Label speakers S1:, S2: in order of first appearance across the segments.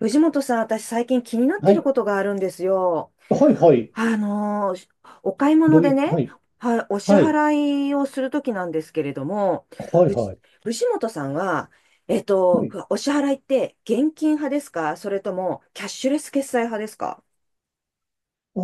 S1: 藤本さん、私最近気になって
S2: は
S1: る
S2: い。
S1: ことがあるんですよ。
S2: はいはい。
S1: あのー、お買い物
S2: どうい
S1: で
S2: う、
S1: ね、
S2: はい。
S1: お支
S2: はい。
S1: 払いをするときなんですけれども、
S2: はい
S1: うち
S2: はい。
S1: 藤本さんは、
S2: はい。
S1: お支払いって現金派ですか、それともキャッシュレス決済派ですか？
S2: あ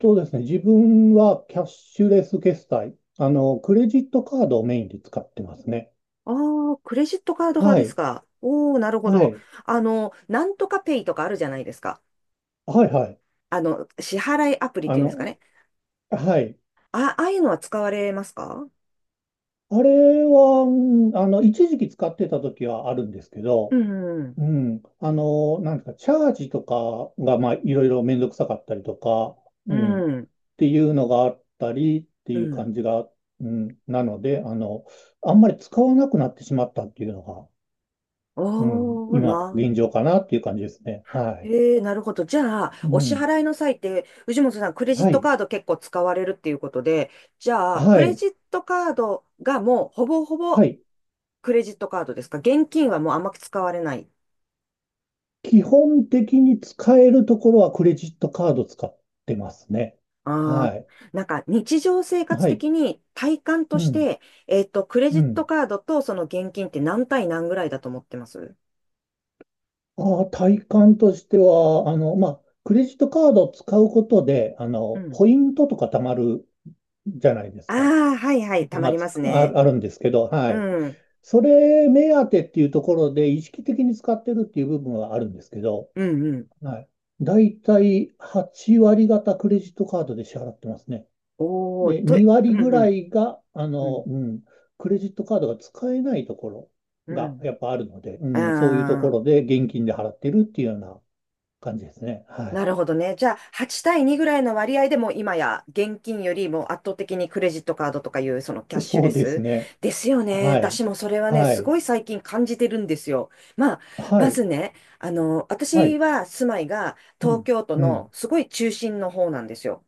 S2: とですね、自分はキャッシュレス決済。クレジットカードをメインで使ってますね。
S1: ああー、クレジットカード派
S2: は
S1: です
S2: い。
S1: か。おー、なるほ
S2: は
S1: ど。
S2: い。
S1: あの、なんとかペイとかあるじゃないですか。
S2: はいはい。
S1: あの、支払いアプリっ
S2: あ
S1: ていうんですかね。
S2: の、はい。
S1: あ、ああいうのは使われますか？
S2: あれは、一時期使ってた時はあるんですけ
S1: う
S2: ど、
S1: ん、
S2: うん。なんですか、チャージとかが、まあ、いろいろめんどくさかったりとか、
S1: う
S2: うん。っ
S1: ん、
S2: ていうのがあったりって
S1: う
S2: いう
S1: ん。
S2: 感じが、うん、なので、あんまり使わなくなってしまったっていうのが、うん、
S1: おー
S2: 今、
S1: な。
S2: 現状かなっていう感じですね。はい。
S1: えー、なるほど。じゃあ、
S2: う
S1: お支
S2: ん。
S1: 払いの際って、藤本さん、クレジッ
S2: は
S1: ト
S2: い。
S1: カード結構使われるっていうことで、じゃあ、ク
S2: は
S1: レ
S2: い。
S1: ジットカードがもうほぼほぼ
S2: はい。
S1: クレジットカードですか？現金はもうあんまり使われない。
S2: 基本的に使えるところはクレジットカード使ってますね。
S1: ああ、
S2: はい。
S1: なんか日常生活
S2: はい。
S1: 的に体感と
S2: う
S1: し
S2: ん。
S1: て、えっと、クレ
S2: う
S1: ジット
S2: ん。
S1: カードとその現金って何対何ぐらいだと思ってます？
S2: ああ、体感としては、まあ、クレジットカードを使うことで、
S1: うん。
S2: ポイントとか貯まるじゃないです
S1: あ
S2: か。
S1: あ、はいはい、たま
S2: まあ、
S1: り
S2: つ
S1: ますね。
S2: あるんですけど、はい。
S1: うん、
S2: それ目当てっていうところで意識的に使ってるっていう部分はあるんですけど、
S1: うん、うん。
S2: はい。だいたい8割方クレジットカードで支払ってますね。
S1: おー、
S2: で、
S1: と、う
S2: 2割
S1: ん、
S2: ぐ
S1: う
S2: ら
S1: ん、
S2: いが、
S1: うん、
S2: クレジットカードが使えないところ
S1: う
S2: が
S1: ん。
S2: やっぱあるので、う
S1: う
S2: ん、そういうと
S1: ー
S2: こ
S1: ん。
S2: ろで現金で払ってるっていうような感じですね。は
S1: な
S2: い。
S1: るほどね。じゃあ、8対2ぐらいの割合でも、今や現金よりも圧倒的にクレジットカードとかいう、そのキャッシュ
S2: そ
S1: レ
S2: うです
S1: ス
S2: ね。
S1: ですよね。
S2: は
S1: 私
S2: い。
S1: もそれはね、
S2: は
S1: す
S2: い。
S1: ごい最近感じてるんですよ。まあ、
S2: は
S1: ま
S2: い。
S1: ずね、あの、
S2: は
S1: 私
S2: い。
S1: は住まいが
S2: う
S1: 東
S2: ん。
S1: 京都
S2: うん。
S1: のすごい中心の方なんですよ。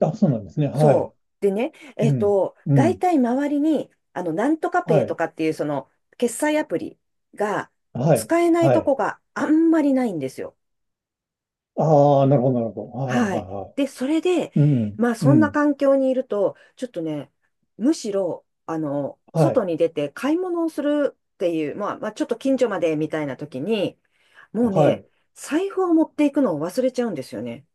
S2: あ、そうなんですね。は
S1: そ
S2: い。
S1: う。でね、え
S2: う
S1: っ
S2: ん。
S1: と、
S2: う
S1: 大
S2: ん。
S1: 体周りに、あの、なんとかペ
S2: は
S1: イと
S2: い。
S1: かっていうその決済アプリが
S2: はい。
S1: 使えない
S2: は
S1: とこ
S2: い。
S1: があんまりないんですよ。
S2: ああ、なるほど、なるほど。はい、はい、
S1: はい。
S2: はい。
S1: で、それで、
S2: うん。
S1: まあ、
S2: う
S1: そんな
S2: ん。
S1: 環境にいると、ちょっとね、むしろ、あの、
S2: は
S1: 外
S2: い。
S1: に出て買い物をするっていう、まあ、まあ、ちょっと近所までみたいな時に、もう
S2: は
S1: ね、
S2: い。
S1: 財布を持っていくのを忘れちゃうんですよね。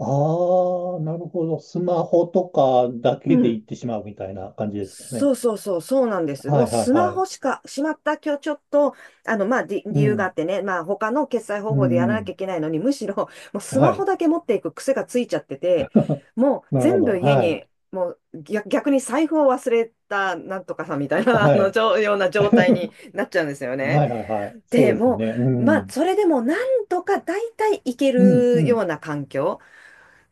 S2: ああ、なるほど。スマホとかだ
S1: う
S2: けで
S1: ん。
S2: 行ってしまうみたいな感じですか
S1: そ
S2: ね。
S1: うそうそう、そうなんです。
S2: は
S1: もう
S2: い、はい、
S1: スマ
S2: は
S1: ホ
S2: い。
S1: しか、しまった、今日ちょっと、あの、まあ、理
S2: う
S1: 由があ
S2: ん。
S1: ってね、まあ、他の決済方
S2: う
S1: 法でや
S2: ん、
S1: ら
S2: う
S1: なきゃ
S2: ん。
S1: いけないのに、むしろ、もうス
S2: は
S1: マホ
S2: い。
S1: だけ持っていく癖がついちゃってて、もう
S2: なるほ
S1: 全
S2: ど。
S1: 部家
S2: は
S1: に、
S2: い。
S1: もう逆、逆に財布を忘れた、なんとかさんみたいな、あ
S2: は
S1: の、じ
S2: い。
S1: ょような状態になっちゃうんですよね。
S2: はい、はい、はい。そう
S1: で、
S2: ですよ
S1: も
S2: ね。う
S1: う、まあ、
S2: ん。
S1: それでもなんとか大体いけ
S2: うん、う
S1: るよ
S2: ん。
S1: うな環境。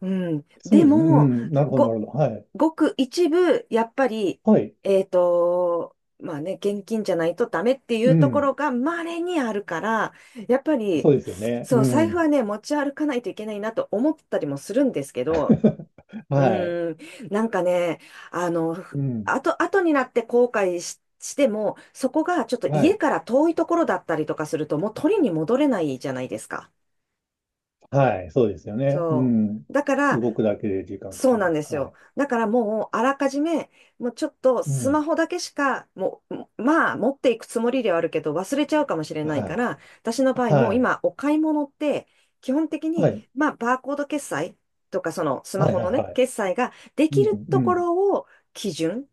S1: うん。
S2: そ
S1: で
S2: うですね。う
S1: も、
S2: ん。なるほど、な
S1: ご、
S2: るほど。はい。
S1: ごく一部、やっぱり、
S2: はい。
S1: えっと、まあね、現金じゃないとダメってい
S2: う
S1: うとこ
S2: ん。
S1: ろが稀にあるから、やっぱ
S2: そ
S1: り、
S2: うですよね。う
S1: そう、財布は
S2: ん。
S1: ね、持ち歩かないといけないなと思ったりもするんですけど、う
S2: はい。
S1: ーん、なんかね、あの、
S2: うん。
S1: 後、後になって後悔し、しても、そこがちょっと
S2: は
S1: 家
S2: い。
S1: から遠いところだったりとかすると、もう取りに戻れないじゃないですか。
S2: はい、そうですよね。う
S1: そ
S2: ん。
S1: う。だから、
S2: 動くだけで時間か
S1: そ
S2: か
S1: う
S2: り
S1: なん
S2: ま
S1: で
S2: す。
S1: す
S2: は
S1: よ。
S2: い。
S1: だからもう、あらかじめ、もうちょっと
S2: う
S1: ス
S2: ん。
S1: マホだけしか、もう、まあ、持っていくつもりではあるけど、忘れちゃうかもしれない
S2: は
S1: か
S2: い。
S1: ら、私の場合、もう
S2: はい。
S1: 今、お買い物って、基本的に、
S2: はい。
S1: まあ、バーコード決済とか、そのスマ
S2: はい。
S1: ホ
S2: は
S1: の
S2: い
S1: ね、
S2: はい。
S1: 決済がで
S2: う
S1: きる
S2: ん。う
S1: とこ
S2: ん。
S1: ろを基準、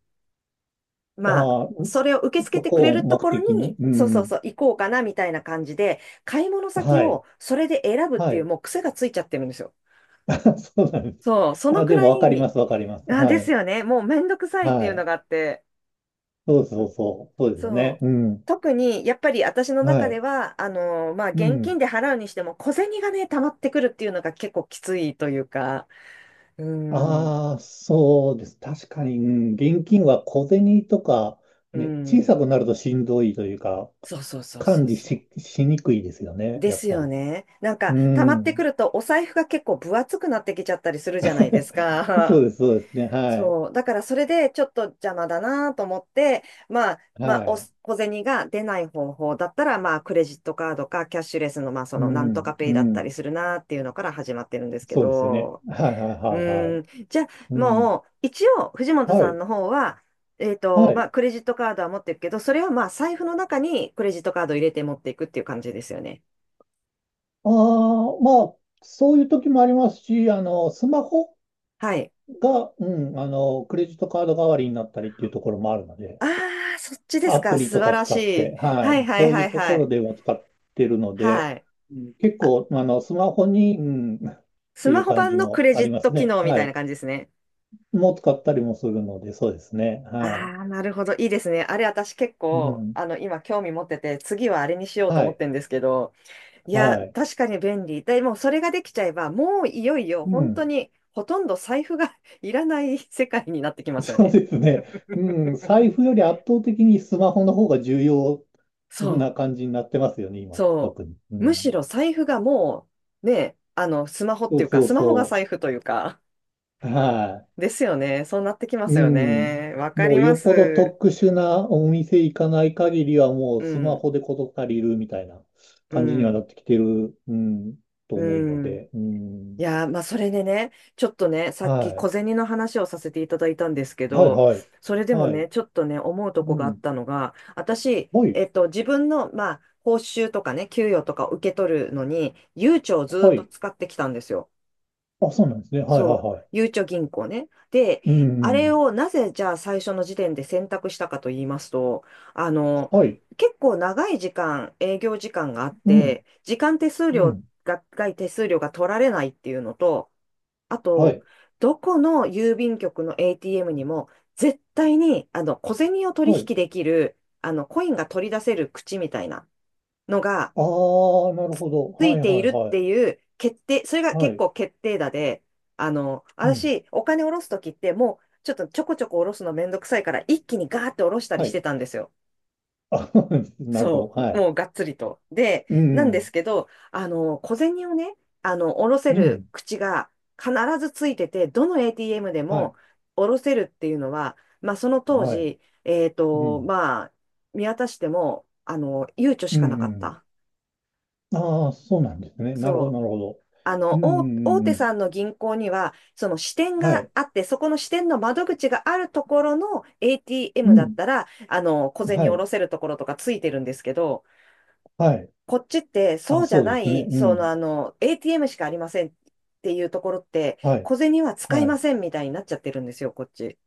S1: まあ、
S2: ああ、ん
S1: それを受け付け
S2: そ
S1: てくれ
S2: こを
S1: ると
S2: 目
S1: こ
S2: 的
S1: ろ
S2: に。
S1: に、
S2: う
S1: そうそう
S2: ん。
S1: そう、行こうかな、みたいな感じで、買い物先
S2: はい。
S1: をそれで選ぶっ
S2: は
S1: ていう、
S2: い。
S1: もう癖がついちゃってるんですよ。
S2: そうなんです。
S1: そう、その
S2: あ、
S1: く
S2: でも
S1: ら
S2: わかり
S1: い、
S2: ます。わかります。
S1: あ、
S2: は
S1: です
S2: い。
S1: よね。もうめんどくさいって
S2: は
S1: いうの
S2: い。
S1: があって。
S2: そうそうそう。そうですよ
S1: そ
S2: ね。
S1: う。
S2: うん。
S1: 特に、やっぱり私の中
S2: は
S1: で
S2: い。
S1: は、あの、まあ、
S2: う
S1: 現金
S2: ん。
S1: で払うにしても、小銭がね、溜まってくるっていうのが結構きついというか、うん、
S2: ああ、そうです。確かに、うん、現金は小銭とか、
S1: う
S2: ね、小さ
S1: ん。
S2: くなるとしんどいというか、
S1: そうそうそうそ
S2: 管
S1: う
S2: 理
S1: そ
S2: し、しにくいですよ
S1: う。
S2: ね、
S1: で
S2: やっ
S1: す
S2: ぱ
S1: よ
S2: り。
S1: ね。なん
S2: う
S1: か、溜まってく
S2: ん。
S1: ると、お財布が結構分厚くなってきちゃったりするじゃないです か。
S2: そうですね。はい。
S1: そう。だからそれでちょっと邪魔だなと思って、まあ、まあ、
S2: は
S1: お
S2: い。
S1: 小銭が出ない方法だったら、まあ、クレジットカードかキャッシュレスの、まあ、そ
S2: う
S1: のなんと
S2: ん、
S1: かペ
S2: う
S1: イだったり
S2: ん。
S1: するなっていうのから始まってるんですけ
S2: そうですよね。
S1: ど、
S2: はい、は
S1: う
S2: い、はい、は
S1: ー
S2: い。
S1: ん。じゃあ、
S2: うん。
S1: もう、一応、藤本
S2: は
S1: さん
S2: い、
S1: の方は、えっと、
S2: は
S1: ま
S2: い。
S1: あ、クレジットカードは持ってるけど、それをまあ、財布の中にクレジットカードを入れて持っていくっていう感じですよね。
S2: ああ、まあ、そういう時もありますし、スマホ
S1: はい。
S2: が、クレジットカード代わりになったりっていうところもあるので、
S1: ああ、そっちです
S2: ア
S1: か。
S2: プリ
S1: 素
S2: と
S1: 晴
S2: か
S1: らし
S2: 使っ
S1: い。
S2: て、は
S1: はい
S2: い、
S1: はい
S2: そうい
S1: は
S2: う
S1: い
S2: と
S1: は
S2: ころ
S1: い。
S2: でも使ってるので、
S1: はい。
S2: うん結構、あの、スマホに、うん、っ
S1: ス
S2: てい
S1: マ
S2: う
S1: ホ
S2: 感
S1: 版
S2: じ
S1: のク
S2: も
S1: レ
S2: あ
S1: ジ
S2: り
S1: ッ
S2: ま
S1: ト
S2: す
S1: 機
S2: ね。
S1: 能み
S2: は
S1: たいな
S2: い。
S1: 感じですね。
S2: もう使ったりもするので、そうですね。は
S1: ああ、なるほど。いいですね。あれ、私結
S2: い。う
S1: 構、
S2: ん。
S1: あの、今興味持ってて、次はあれにしようと
S2: は
S1: 思っ
S2: い。
S1: てるんですけど、いや、
S2: はい。
S1: 確かに便利。でも、それができちゃえば、もういよいよ、
S2: う
S1: 本当
S2: ん。
S1: に、ほとんど財布が いらない世界になってき ますよ
S2: そう
S1: ね。
S2: ですね。うん。財布より圧倒的にスマホの方が重要
S1: そう、
S2: な感じになってますよね、今、
S1: そ
S2: 特に。う
S1: う。むし
S2: ん。
S1: ろ財布がもう、ね、あの、スマホっ
S2: そ
S1: てい
S2: う
S1: うか、
S2: そう
S1: スマホが
S2: そ
S1: 財布というか、
S2: う。はい。
S1: ですよね。そうなってきま
S2: う
S1: すよ
S2: ん。
S1: ね。わか
S2: も
S1: り
S2: う
S1: ま
S2: よっぽど
S1: す。
S2: 特殊なお店行かない限りはもう
S1: う
S2: スマ
S1: ん、
S2: ホで事足りるみたいな
S1: う
S2: 感じにはな
S1: ん、
S2: ってきてる、うん、と思う
S1: う
S2: の
S1: ん。
S2: で、う
S1: い
S2: ん。
S1: やー、まあ、それでね、ちょっとね、さ
S2: は
S1: っき小
S2: い。
S1: 銭の話をさせていただいたんですけ
S2: はい、
S1: ど、
S2: はい。
S1: それでも
S2: はい。
S1: ね、ちょっとね、思うと
S2: う
S1: こがあっ
S2: ん。
S1: たのが、私、
S2: はい。
S1: えっと、自分の、まあ、報酬とかね、給与とかを受け取るのに、ゆうちょをずーっ
S2: は
S1: と
S2: い。
S1: 使ってきたんですよ。
S2: あ、そうなんですね。はい、はい、
S1: そう。
S2: はい。
S1: ゆうちょ銀行ね。で、
S2: う
S1: あれ
S2: ん。
S1: をなぜ、じゃあ最初の時点で選択したかと言いますと、あの、
S2: はい。
S1: 結構長い時間、営業時間があっ
S2: うん。
S1: て、時間手数
S2: う
S1: 料
S2: ん。
S1: が、外手数料が取られないっていうのと、あ
S2: は
S1: と、
S2: い。
S1: どこの郵便局の ATM にも、絶対に、あの、小銭を取
S2: はい。
S1: 引できる、あの、コインが取り出せる口みたいなのが、
S2: ああ、なるほど。
S1: つ
S2: は
S1: い
S2: い、
S1: て
S2: は
S1: い
S2: い、
S1: るっ
S2: はい。
S1: ていう決定、それが
S2: は
S1: 結
S2: い。
S1: 構決定打で、あの、
S2: うん。
S1: 私、お金下ろすときって、もう、ちょっとちょこちょこ下ろすのめんどくさいから、一気にガーって下ろしたり
S2: は
S1: し
S2: い。
S1: てたんですよ。
S2: あ、なるほど。
S1: そ
S2: は
S1: う、
S2: い。
S1: もうがっつりと。で、
S2: う
S1: なんで
S2: ん。
S1: すけど、あの、小銭をね、あの、下ろせ
S2: う
S1: る
S2: ん。
S1: 口が必ずついてて、どの ATM で
S2: は
S1: も
S2: い。
S1: 下ろせるっていうのは、まあ、その当
S2: はい。
S1: 時、えっ
S2: う
S1: と、
S2: ん。
S1: まあ、見渡しても、あの、悠長し
S2: う
S1: かなかっ
S2: ん
S1: た。
S2: うん。ああ、そうなんですね。なるほど、
S1: そう。
S2: なるほど。
S1: あ
S2: う
S1: の、
S2: んう
S1: 大、大
S2: んうん
S1: 手
S2: うん。
S1: さんの銀行には、その支店
S2: は
S1: が
S2: い。
S1: あって、そこの支店の窓口があるところの
S2: う
S1: ATM だっ
S2: ん。
S1: たら、あの、小銭
S2: は
S1: 下
S2: い。
S1: ろせるところとかついてるんですけど、
S2: はい。
S1: こっちって
S2: あ、
S1: そうじゃ
S2: そうで
S1: な
S2: すね。
S1: い、
S2: う
S1: その
S2: ん。
S1: あの、ATM しかありませんっていうところって、
S2: はい。
S1: 小銭は使い
S2: は
S1: ま
S2: い。
S1: せんみたいになっちゃってるんですよ、こっち。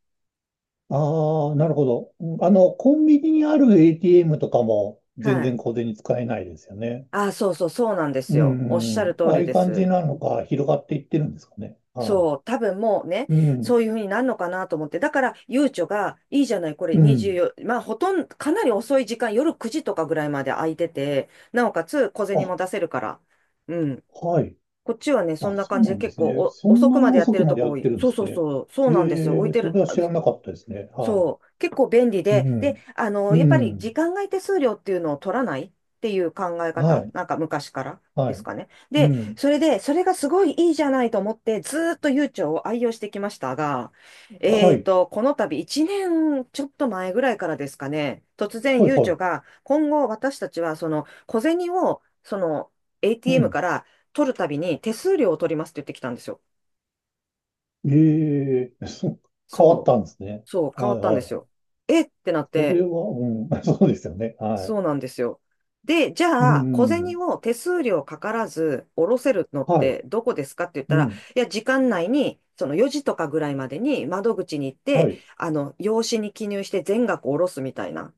S2: ああ、なるほど。コンビニにある ATM とかも
S1: は
S2: 全然
S1: い。
S2: 小銭使えないですよね。
S1: ああ、そうそう、そうなんです
S2: うん
S1: よ。
S2: う
S1: おっ
S2: ん
S1: し
S2: う
S1: ゃる
S2: ん。
S1: 通
S2: ああ
S1: り
S2: いう
S1: で
S2: 感じ
S1: す。
S2: なのか、広がっていってるんですかね。は
S1: そう、多分もうね、
S2: い。うん。
S1: そういうふうになるのかなと思って。だから、ゆうちょが、いいじゃない、これ
S2: うん。
S1: 24、まあ、ほとんど、かなり遅い時間、夜9時とかぐらいまで空いてて、なおかつ小銭
S2: あ、
S1: も出せるから。うん。
S2: はい。
S1: こっちはね、そん
S2: あ、
S1: な
S2: そ
S1: 感
S2: う
S1: じ
S2: な
S1: で
S2: んで
S1: 結
S2: す
S1: 構
S2: ね。そ
S1: お
S2: ん
S1: 遅く
S2: なに
S1: までやっ
S2: 遅
S1: て
S2: く
S1: る
S2: ま
S1: と
S2: で
S1: こ
S2: や
S1: 多
S2: って
S1: い。
S2: るんで
S1: そうそ
S2: す
S1: う
S2: ね。
S1: そう、そう
S2: え
S1: なんですよ。置い
S2: え、
S1: て
S2: それ
S1: る、
S2: は知らなかったですね。はい。
S1: そう、結構便利
S2: う
S1: で、で、
S2: ん。う
S1: やっぱり時
S2: ん。
S1: 間外手数料っていうのを取らないっていう考え
S2: は
S1: 方、
S2: い。
S1: 昔からで
S2: は
S1: す
S2: い。
S1: かね。
S2: う
S1: で、
S2: ん。
S1: それで、それがすごいいいじゃないと思って、ずーっと悠長を愛用してきましたが、
S2: はい。
S1: この度1年ちょっと前ぐらいからですかね、突然
S2: はい、
S1: 悠
S2: は
S1: 長
S2: い。
S1: が、今後私たちはその小銭を、
S2: う
S1: ATM
S2: ん。
S1: から取るたびに手数料を取りますって言ってきたんですよ。
S2: ええ 変わっ
S1: そ
S2: たんですね。
S1: う。そう、変わ
S2: はい、
S1: ったんで
S2: は
S1: す
S2: い。
S1: よ。えってなっ
S2: そ
S1: て、
S2: れは、うん。そうですよね。はい。
S1: そうなんですよ。で、じ
S2: う
S1: ゃあ、小銭
S2: ん。
S1: を手数料かからず下ろせるのっ
S2: はい。
S1: てどこですかって言っ
S2: う
S1: たら、
S2: ん。
S1: いや、時間内に、その4時とかぐらいまでに窓口に行っ
S2: は
S1: て、
S2: い。
S1: 用紙に記入して全額下ろすみたいな、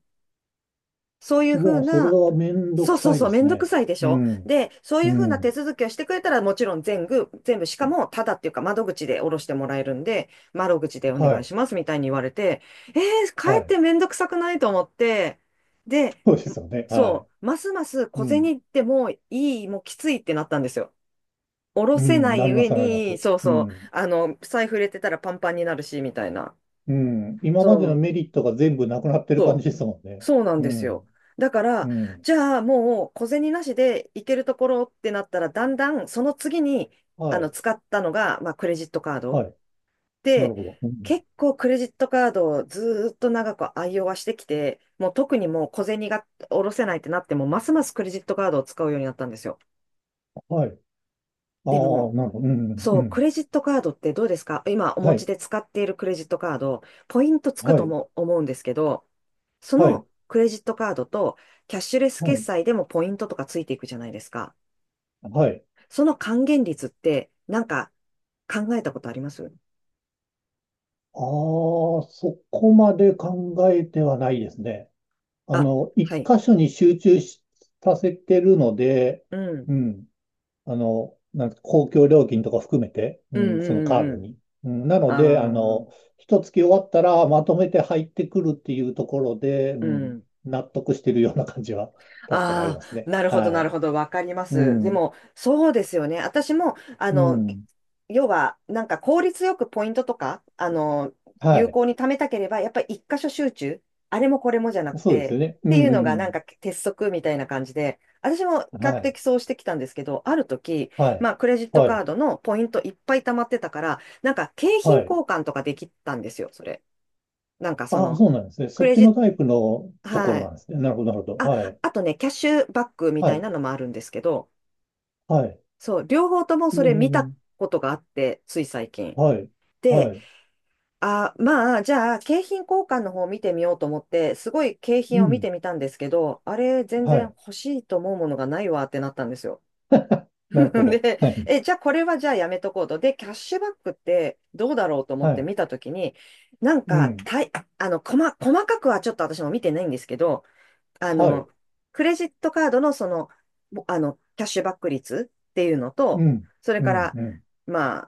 S1: そういうふ
S2: う
S1: う
S2: わ、それ
S1: な、
S2: はめんど
S1: そう
S2: く
S1: そう
S2: さい
S1: そ
S2: で
S1: う、め
S2: す
S1: んどく
S2: ね。
S1: さいでし
S2: う
S1: ょ。
S2: ん。
S1: で、そう
S2: う
S1: いうふうな手
S2: ん。
S1: 続きをしてくれたら、もちろん全部、全部、しかも、ただっていうか、窓口で下ろしてもらえるんで、窓口でお
S2: は
S1: 願い
S2: い。
S1: しますみたいに言われて、えか
S2: は
S1: えっ
S2: い。
S1: てめんどくさくないと思って、で、
S2: そうですよね。は
S1: そ
S2: い。
S1: う、ますます
S2: う
S1: 小
S2: ん。
S1: 銭ってもういい、もうきついってなったんですよ。下ろ
S2: う
S1: せ
S2: ん。
S1: な
S2: な
S1: い
S2: りま
S1: 上
S2: す、なりま
S1: に、
S2: す。
S1: そう
S2: う
S1: そう、
S2: ん。
S1: 財布入れてたらパンパンになるし、みたいな。
S2: うん。今
S1: そ
S2: までの
S1: う、
S2: メリットが全部なくなってる感
S1: そ
S2: じ
S1: う
S2: ですもんね。
S1: そうなん
S2: う
S1: ですよ。
S2: ん。
S1: だか
S2: う
S1: ら、
S2: ん。
S1: じゃあもう小銭なしで行けるところってなったら、だんだんその次に
S2: はい。
S1: 使ったのが、まあ、クレジットカード。
S2: はい。なる
S1: で、
S2: ほど。うん、
S1: 結構クレジットカードをずーっと長く愛用はしてきて、もう特にもう小銭が下ろせないってなっても、ますますクレジットカードを使うようになったんですよ。
S2: はい。あ
S1: で
S2: あ、
S1: も、
S2: なるほど。うん、う
S1: そう、ク
S2: ん。
S1: レジットカードってどうですか、今お持
S2: は
S1: ち
S2: い。
S1: で使っているクレジットカード、ポイントつく
S2: は
S1: と
S2: い。
S1: も思うんですけど、そ
S2: はい。
S1: のクレジットカードとキャッシュレス
S2: は
S1: 決
S2: い。
S1: 済でもポイントとかついていくじゃないですか。
S2: はい。
S1: その還元率ってなんか考えたことあります？
S2: ああ、そこまで考えてはないですね。
S1: あ、
S2: 一
S1: はい。
S2: 箇所に集中しさせてるので、
S1: う
S2: う
S1: ん。
S2: ん。なんか公共料金とか含めて、
S1: う
S2: う
S1: ん
S2: ん、
S1: う
S2: そのカー
S1: んうんう
S2: ドに。うん、なので、あ
S1: ん。あ
S2: の、
S1: あ、
S2: 一月終わったらまとめて入ってくるっていうところで、う
S1: う
S2: ん、
S1: ん。
S2: 納得してるような感じは確かにあり
S1: あ
S2: ます
S1: あ、
S2: ね。
S1: なるほど、
S2: は
S1: なる
S2: い。
S1: ほど、わかりま
S2: う
S1: す。で
S2: ん。
S1: も、そうですよね。私も、
S2: うん。
S1: 要は、効率よくポイントとか、
S2: は
S1: 有
S2: い。
S1: 効に貯めたければ、やっぱり一箇所集中、あれもこれもじゃなく
S2: そうです
S1: て、
S2: よね。
S1: っていうのが、
S2: う
S1: なん
S2: ん
S1: か鉄則みたいな感じで、私も比
S2: うん。
S1: 較
S2: はい。
S1: 的そうしてきたんですけど、ある時、
S2: はい。
S1: まあ、クレジット
S2: は
S1: カー
S2: い。
S1: ドのポイントいっぱい貯まってたから、なんか景品
S2: はい。
S1: 交換とかできたんですよ、それ。なんかそ
S2: ああ、
S1: の、
S2: そうなんですね。
S1: ク
S2: そっ
S1: レ
S2: ち
S1: ジッ
S2: の
S1: ト、
S2: タイプのとこ
S1: は
S2: ろな
S1: い。
S2: んですね。なるほど、なるほど。
S1: あ、
S2: はい。
S1: あとね、キャッシュバックみた
S2: は
S1: い
S2: い。
S1: なのもあるんですけど、
S2: はい。
S1: そう、両方とも
S2: え
S1: それ見た
S2: え、
S1: ことがあって、つい最近。
S2: はい。
S1: で、
S2: はい。
S1: あ、まあ、じゃあ、景品交換の方を見てみようと思って、すごい景
S2: う
S1: 品を見
S2: ん。
S1: てみたんですけど、あれ、全
S2: は
S1: 然
S2: い。
S1: 欲しいと思うものがないわってなったんですよ。
S2: なる ほど。
S1: で、
S2: はい。
S1: え、じゃあ、これはじゃあやめとこうと。で、キャッシュバックってどうだろうと思
S2: は
S1: って
S2: い。
S1: 見たときに、なん
S2: う
S1: か、
S2: ん。
S1: たい、細、細かくはちょっと私も見てないんですけど、あ
S2: はい。
S1: の、クレジットカードのその、ぼキャッシュバック率っていうの
S2: う
S1: と、
S2: ん。
S1: それ
S2: う
S1: か
S2: ん。
S1: ら、
S2: うん。
S1: ま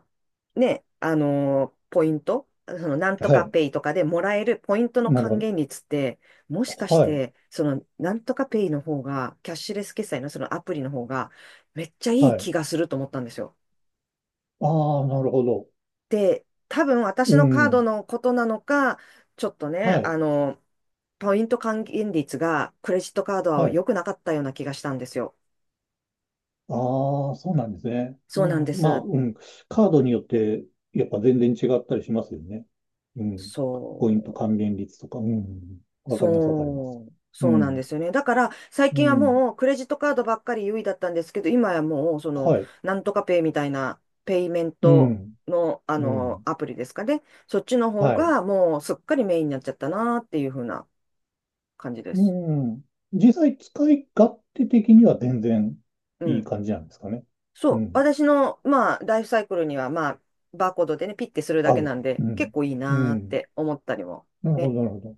S1: あ、ね、ポイント、その、なんと
S2: は
S1: か
S2: い。
S1: ペイとかでもらえるポイントの
S2: なるほ
S1: 還
S2: ど。
S1: 元率って、もしかし
S2: はい。
S1: て、その、なんとかペイの方が、キャッシュレス決済のそのアプリの方が、めっちゃいい
S2: は
S1: 気
S2: い。
S1: がすると思ったんですよ。
S2: ああ、なるほど。
S1: で、多分私
S2: う
S1: のカード
S2: ん。
S1: のことなのか、ちょっとね、
S2: はい。
S1: ポイント還元率がクレジットカード
S2: は
S1: は良
S2: い。
S1: くなかったような気がしたんですよ。
S2: ああ、そうなんですね。あ
S1: そうなんで
S2: ーまあ、
S1: す。
S2: うん。カードによって、やっぱ全然違ったりしますよね。うん。ポイント
S1: そう。
S2: 還元率とか。うん。わかります、わかります。
S1: そう。
S2: う
S1: そうなんで
S2: ん。
S1: すよね。だから、最
S2: う
S1: 近は
S2: ん。
S1: もうクレジットカードばっかり優位だったんですけど、今はもう、その、
S2: はい。
S1: なんとかペイみたいな、ペイメン
S2: う
S1: ト
S2: ん。
S1: の、
S2: うん。
S1: アプリですかね。そっちの方
S2: はい。
S1: が、もう、すっかりメインになっちゃったなっていう風な感じで
S2: う
S1: す。
S2: ん。実際、使い勝手的には全然
S1: う
S2: いい
S1: ん。
S2: 感じなんですかね。
S1: そ
S2: う
S1: う、
S2: ん。
S1: 私の、まあ、ライフサイクルには、まあ、バーコードでね、ピッてするだ
S2: 合
S1: けな
S2: う。
S1: ん
S2: う
S1: で、
S2: ん。
S1: 結構いい
S2: う
S1: なーっ
S2: ん。
S1: て思ったりも、
S2: なるほ
S1: ね、
S2: ど、なるほど。